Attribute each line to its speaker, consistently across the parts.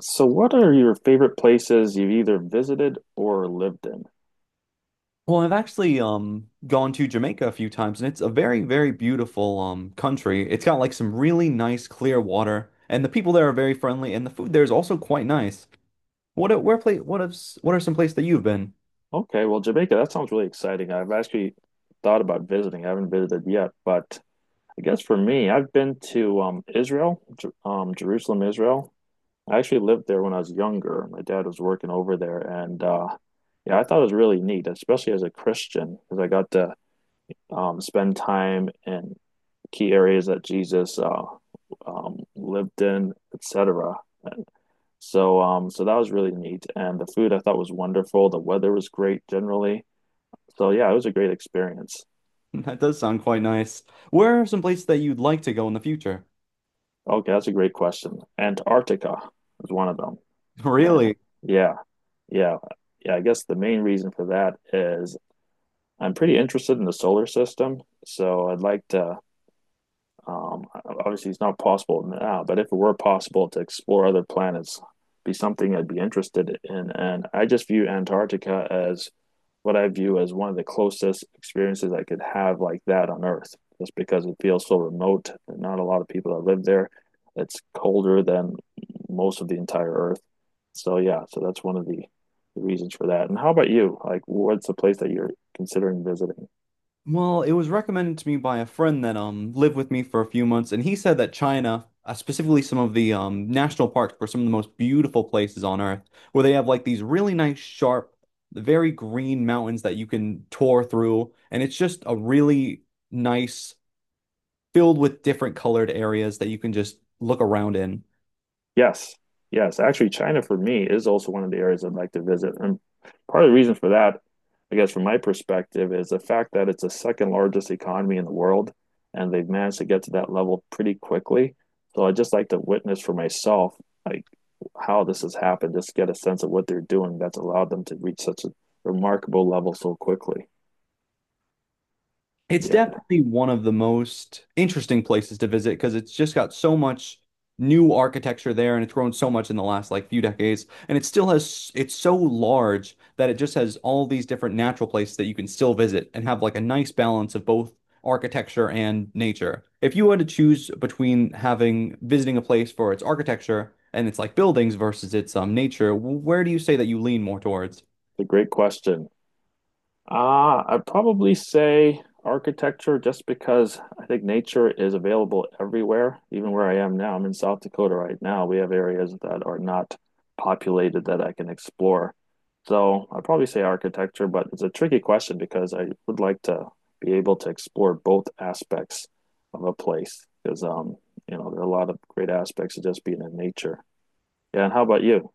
Speaker 1: So, what are your favorite places you've either visited or lived in?
Speaker 2: Well, I've actually gone to Jamaica a few times, and it's a very, very beautiful country. It's got like some really nice clear water, and the people there are very friendly, and the food there is also quite nice. What a- where place what is what are some places that you've been?
Speaker 1: Okay, well, Jamaica, that sounds really exciting. I've actually thought about visiting. I haven't visited yet, but I guess for me, I've been to Israel, Jerusalem, Israel. I actually lived there when I was younger. My dad was working over there, and yeah, I thought it was really neat, especially as a Christian, because I got to spend time in key areas that Jesus lived in, etc. So that was really neat, and the food I thought was wonderful. The weather was great generally. So, yeah, it was a great experience.
Speaker 2: That does sound quite nice. Where are some places that you'd like to go in the future?
Speaker 1: Okay, that's a great question. Antarctica is one of them. Eh,
Speaker 2: Really?
Speaker 1: Yeah, yeah, yeah. I guess the main reason for that is I'm pretty interested in the solar system, so I'd like to. Um, Obviously, it's not possible now, but if it were possible to explore other planets, be something I'd be interested in. And I just view Antarctica as what I view as one of the closest experiences I could have like that on Earth, just because it feels so remote, and not a lot of people that live there. It's colder than most of the entire Earth. So yeah, so that's one of the reasons for that. And how about you? Like, what's the place that you're considering visiting?
Speaker 2: Well, it was recommended to me by a friend that lived with me for a few months, and he said that China, specifically some of the national parks, were some of the most beautiful places on Earth, where they have like these really nice, sharp, very green mountains that you can tour through, and it's just a really nice, filled with different colored areas that you can just look around in.
Speaker 1: Yes, yes. Actually, China for me is also one of the areas I'd like to visit. And part of the reason for that, I guess from my perspective, is the fact that it's the second largest economy in the world, and they've managed to get to that level pretty quickly. So I'd just like to witness for myself like how this has happened, just get a sense of what they're doing that's allowed them to reach such a remarkable level so quickly.
Speaker 2: It's
Speaker 1: Yeah,
Speaker 2: definitely one of the most interesting places to visit because it's just got so much new architecture there, and it's grown so much in the last like few decades, and it still has, it's so large that it just has all these different natural places that you can still visit and have like a nice balance of both architecture and nature. If you had to choose between having visiting a place for its architecture and its like buildings versus its nature, where do you say that you lean more towards?
Speaker 1: it's a great question. I'd probably say architecture just because I think nature is available everywhere, even where I am now. I'm in South Dakota right now. We have areas that are not populated that I can explore. So I'd probably say architecture, but it's a tricky question because I would like to be able to explore both aspects of a place because there are a lot of great aspects of just being in nature. Yeah, and how about you?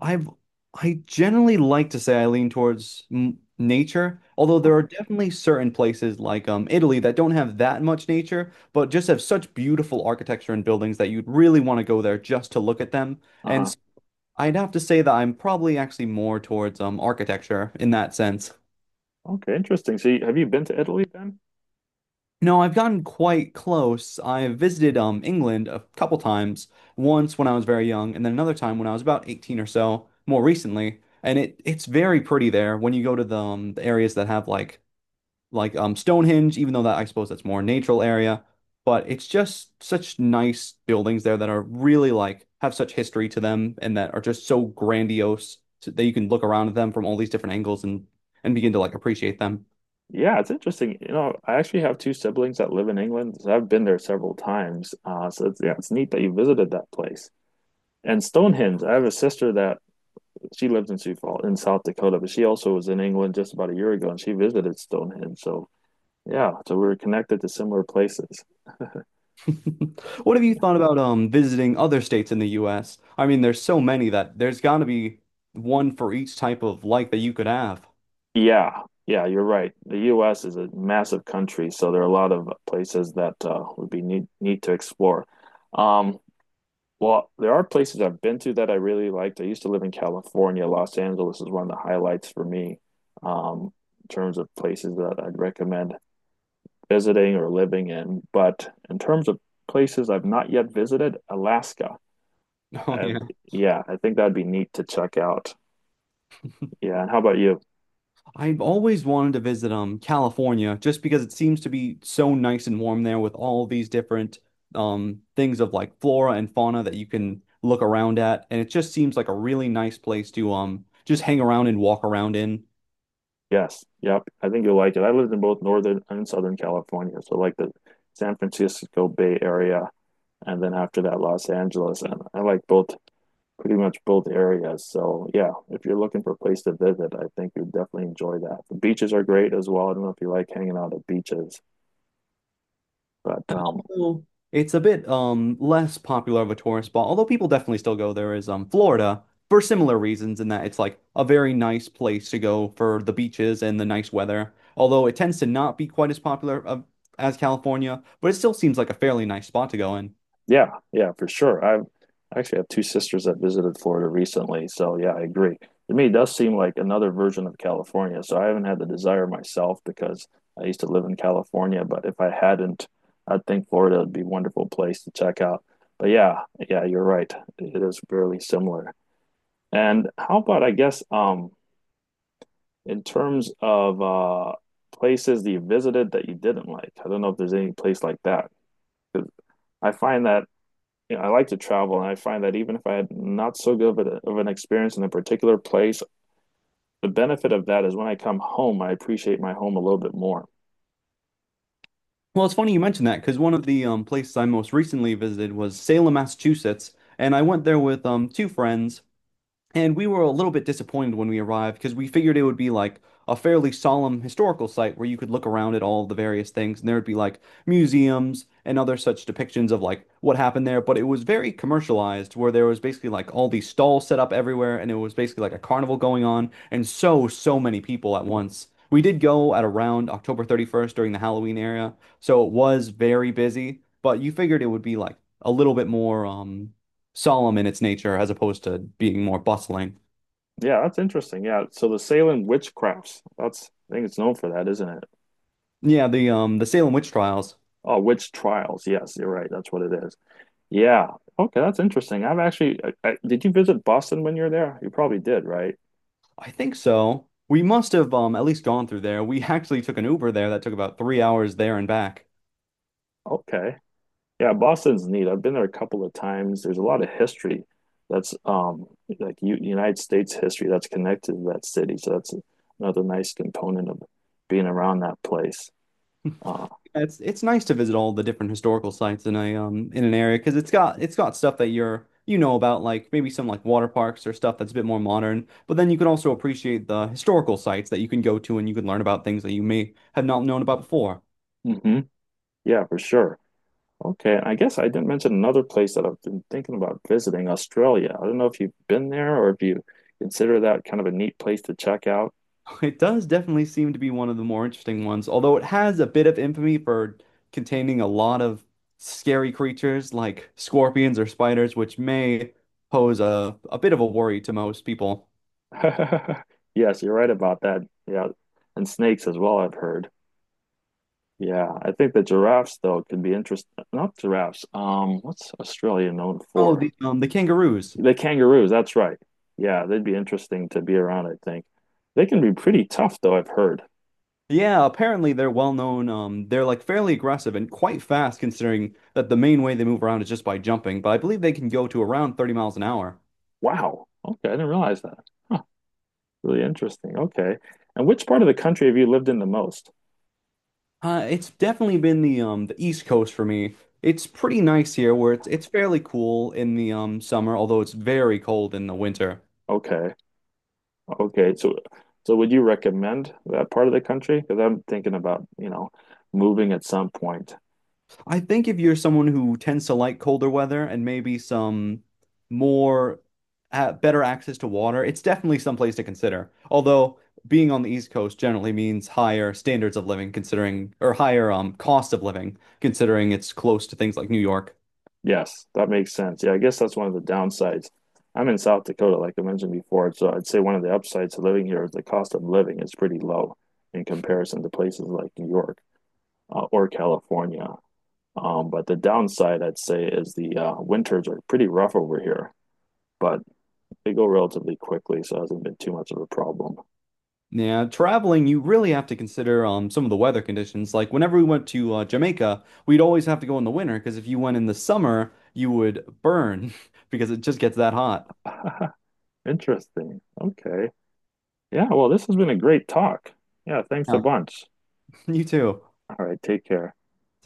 Speaker 2: I've I generally like to say I lean towards m nature, although there are definitely certain places like Italy that don't have that much nature, but just have such beautiful architecture and buildings that you'd really want to go there just to look at them. And
Speaker 1: Uh-huh.
Speaker 2: s- I'd have to say that I'm probably actually more towards architecture in that sense.
Speaker 1: Okay, interesting. So you, have you been to Italy then?
Speaker 2: No, I've gotten quite close. I visited England a couple times, once when I was very young, and then another time when I was about 18 or so, more recently. And it's very pretty there when you go to the areas that have like like Stonehenge, even though that I suppose that's more a natural area, but it's just such nice buildings there that are really like, have such history to them, and that are just so grandiose so that you can look around at them from all these different angles and begin to like appreciate them.
Speaker 1: Yeah, it's interesting. You know, I actually have two siblings that live in England, so I've been there several times. So it's, yeah, it's neat that you visited that place. And Stonehenge, I have a sister that she lives in Sioux Falls in South Dakota, but she also was in England just about a year ago, and she visited Stonehenge. So yeah, so we were connected to similar places.
Speaker 2: What have you thought about visiting other states in the US? I mean, there's so many that there's got to be one for each type of life that you could have.
Speaker 1: Yeah, yeah, you're right. The U.S. is a massive country, so there are a lot of places that would be neat, neat to explore. Um, Well, there are places I've been to that I really liked. I used to live in California. Los Angeles is one of the highlights for me, um, in terms of places that I'd recommend visiting or living in. But in terms of places I've not yet visited, Alaska.
Speaker 2: Oh
Speaker 1: I
Speaker 2: yeah.
Speaker 1: Yeah, I think that'd be neat to check out. Yeah, and how about you?
Speaker 2: I've always wanted to visit California just because it seems to be so nice and warm there, with all these different things of like flora and fauna that you can look around at, and it just seems like a really nice place to just hang around and walk around in.
Speaker 1: Yes, yep. I think you'll like it. I lived in both Northern and Southern California, so like the San Francisco Bay Area, and then after that, Los Angeles. And I like both pretty much both areas. So yeah, if you're looking for a place to visit, I think you'd definitely enjoy that. The beaches are great as well. I don't know if you like hanging out at beaches, but
Speaker 2: Well, it's a bit less popular of a tourist spot, although people definitely still go there, is Florida, for similar reasons, in that it's like a very nice place to go for the beaches and the nice weather. Although it tends to not be quite as popular as California, but it still seems like a fairly nice spot to go in.
Speaker 1: yeah, yeah, for sure. I actually have two sisters that visited Florida recently, so yeah, I agree. To me, it does seem like another version of California. So I haven't had the desire myself because I used to live in California, but if I hadn't, I'd think Florida would be a wonderful place to check out. But yeah, yeah, you're right. It is fairly similar. And how about, I guess, In terms of Places that you visited that you didn't like, I don't know if there's any place like that. 'Cause I find that you know, I like to travel, and I find that even if I had not so good of, of an experience in a particular place, the benefit of that is when I come home, I appreciate my home a little bit more.
Speaker 2: Well, it's funny you mentioned that, because one of the places I most recently visited was Salem, Massachusetts, and I went there with two friends. And we were a little bit disappointed when we arrived, because we figured it would be like a fairly solemn historical site where you could look around at all the various things, and there would be like museums and other such depictions of like what happened there. But it was very commercialized, where there was basically like all these stalls set up everywhere, and it was basically like a carnival going on, and so, so many people at once. We did go at around October 31st during the Halloween era, so it was very busy, but you figured it would be like a little bit more solemn in its nature, as opposed to being more bustling.
Speaker 1: Yeah, that's interesting. Yeah, so the Salem witchcrafts, that's I think it's known for that, isn't it?
Speaker 2: Yeah, the Salem witch trials.
Speaker 1: Oh, witch trials. Yes, you're right. That's what it is. Yeah. Okay, that's interesting. I've actually, I, Did you visit Boston when you were there? You probably did, right?
Speaker 2: I think so. We must have at least gone through there. We actually took an Uber there that took about 3 hours there and back.
Speaker 1: Okay. Yeah, Boston's neat. I've been there a couple of times. There's a lot of history that's like U United States history that's connected to that city. So that's another nice component of being around that place. Uh,
Speaker 2: It's nice to visit all the different historical sites in an area, because it's got stuff that you know about, like maybe some like water parks or stuff that's a bit more modern. But then you can also appreciate the historical sites that you can go to, and you can learn about things that you may have not known about before.
Speaker 1: hmm Yeah, for sure. Okay, and I guess I didn't mention another place that I've been thinking about visiting, Australia. I don't know if you've been there or if you consider that kind of a neat place to check out.
Speaker 2: It does definitely seem to be one of the more interesting ones, although it has a bit of infamy for containing a lot of scary creatures like scorpions or spiders, which may pose a bit of a worry to most people.
Speaker 1: Yes, you're right about that. Yeah, and snakes as well, I've heard. Yeah, I think the giraffes though could be interesting. Not giraffes. What's Australia known
Speaker 2: Oh,
Speaker 1: for?
Speaker 2: the kangaroos.
Speaker 1: The kangaroos, that's right. Yeah, they'd be interesting to be around, I think. They can be pretty tough though, I've heard.
Speaker 2: Yeah, apparently they're well known. They're like fairly aggressive and quite fast, considering that the main way they move around is just by jumping. But I believe they can go to around 30 miles an hour.
Speaker 1: Wow. Okay, I didn't realize that. Huh, Really interesting. Okay. And which part of the country have you lived in the most?
Speaker 2: It's definitely been the East Coast for me. It's pretty nice here, where it's fairly cool in the summer, although it's very cold in the winter.
Speaker 1: Okay. Okay. So so would you recommend that part of the country? Because I'm thinking about, you know, moving at some point.
Speaker 2: I think if you're someone who tends to like colder weather and maybe some more better access to water, it's definitely someplace to consider. Although being on the East Coast generally means higher standards of living, considering, or higher cost of living, considering it's close to things like New York.
Speaker 1: Yes, that makes sense. Yeah, I guess that's one of the downsides. I'm in South Dakota, like I mentioned before, so I'd say one of the upsides to living here is the cost of living is pretty low in comparison to places like New York or California. But the downside, I'd say, is the winters are pretty rough over here. But they go relatively quickly, so it hasn't been too much of a problem.
Speaker 2: Yeah, traveling, you really have to consider some of the weather conditions. Like whenever we went to Jamaica, we'd always have to go in the winter, because if you went in the summer, you would burn because it just gets that hot.
Speaker 1: Interesting. Okay. Yeah, well, this has been a great talk. Yeah, thanks a
Speaker 2: Yeah,
Speaker 1: bunch.
Speaker 2: you too.
Speaker 1: All right, take care.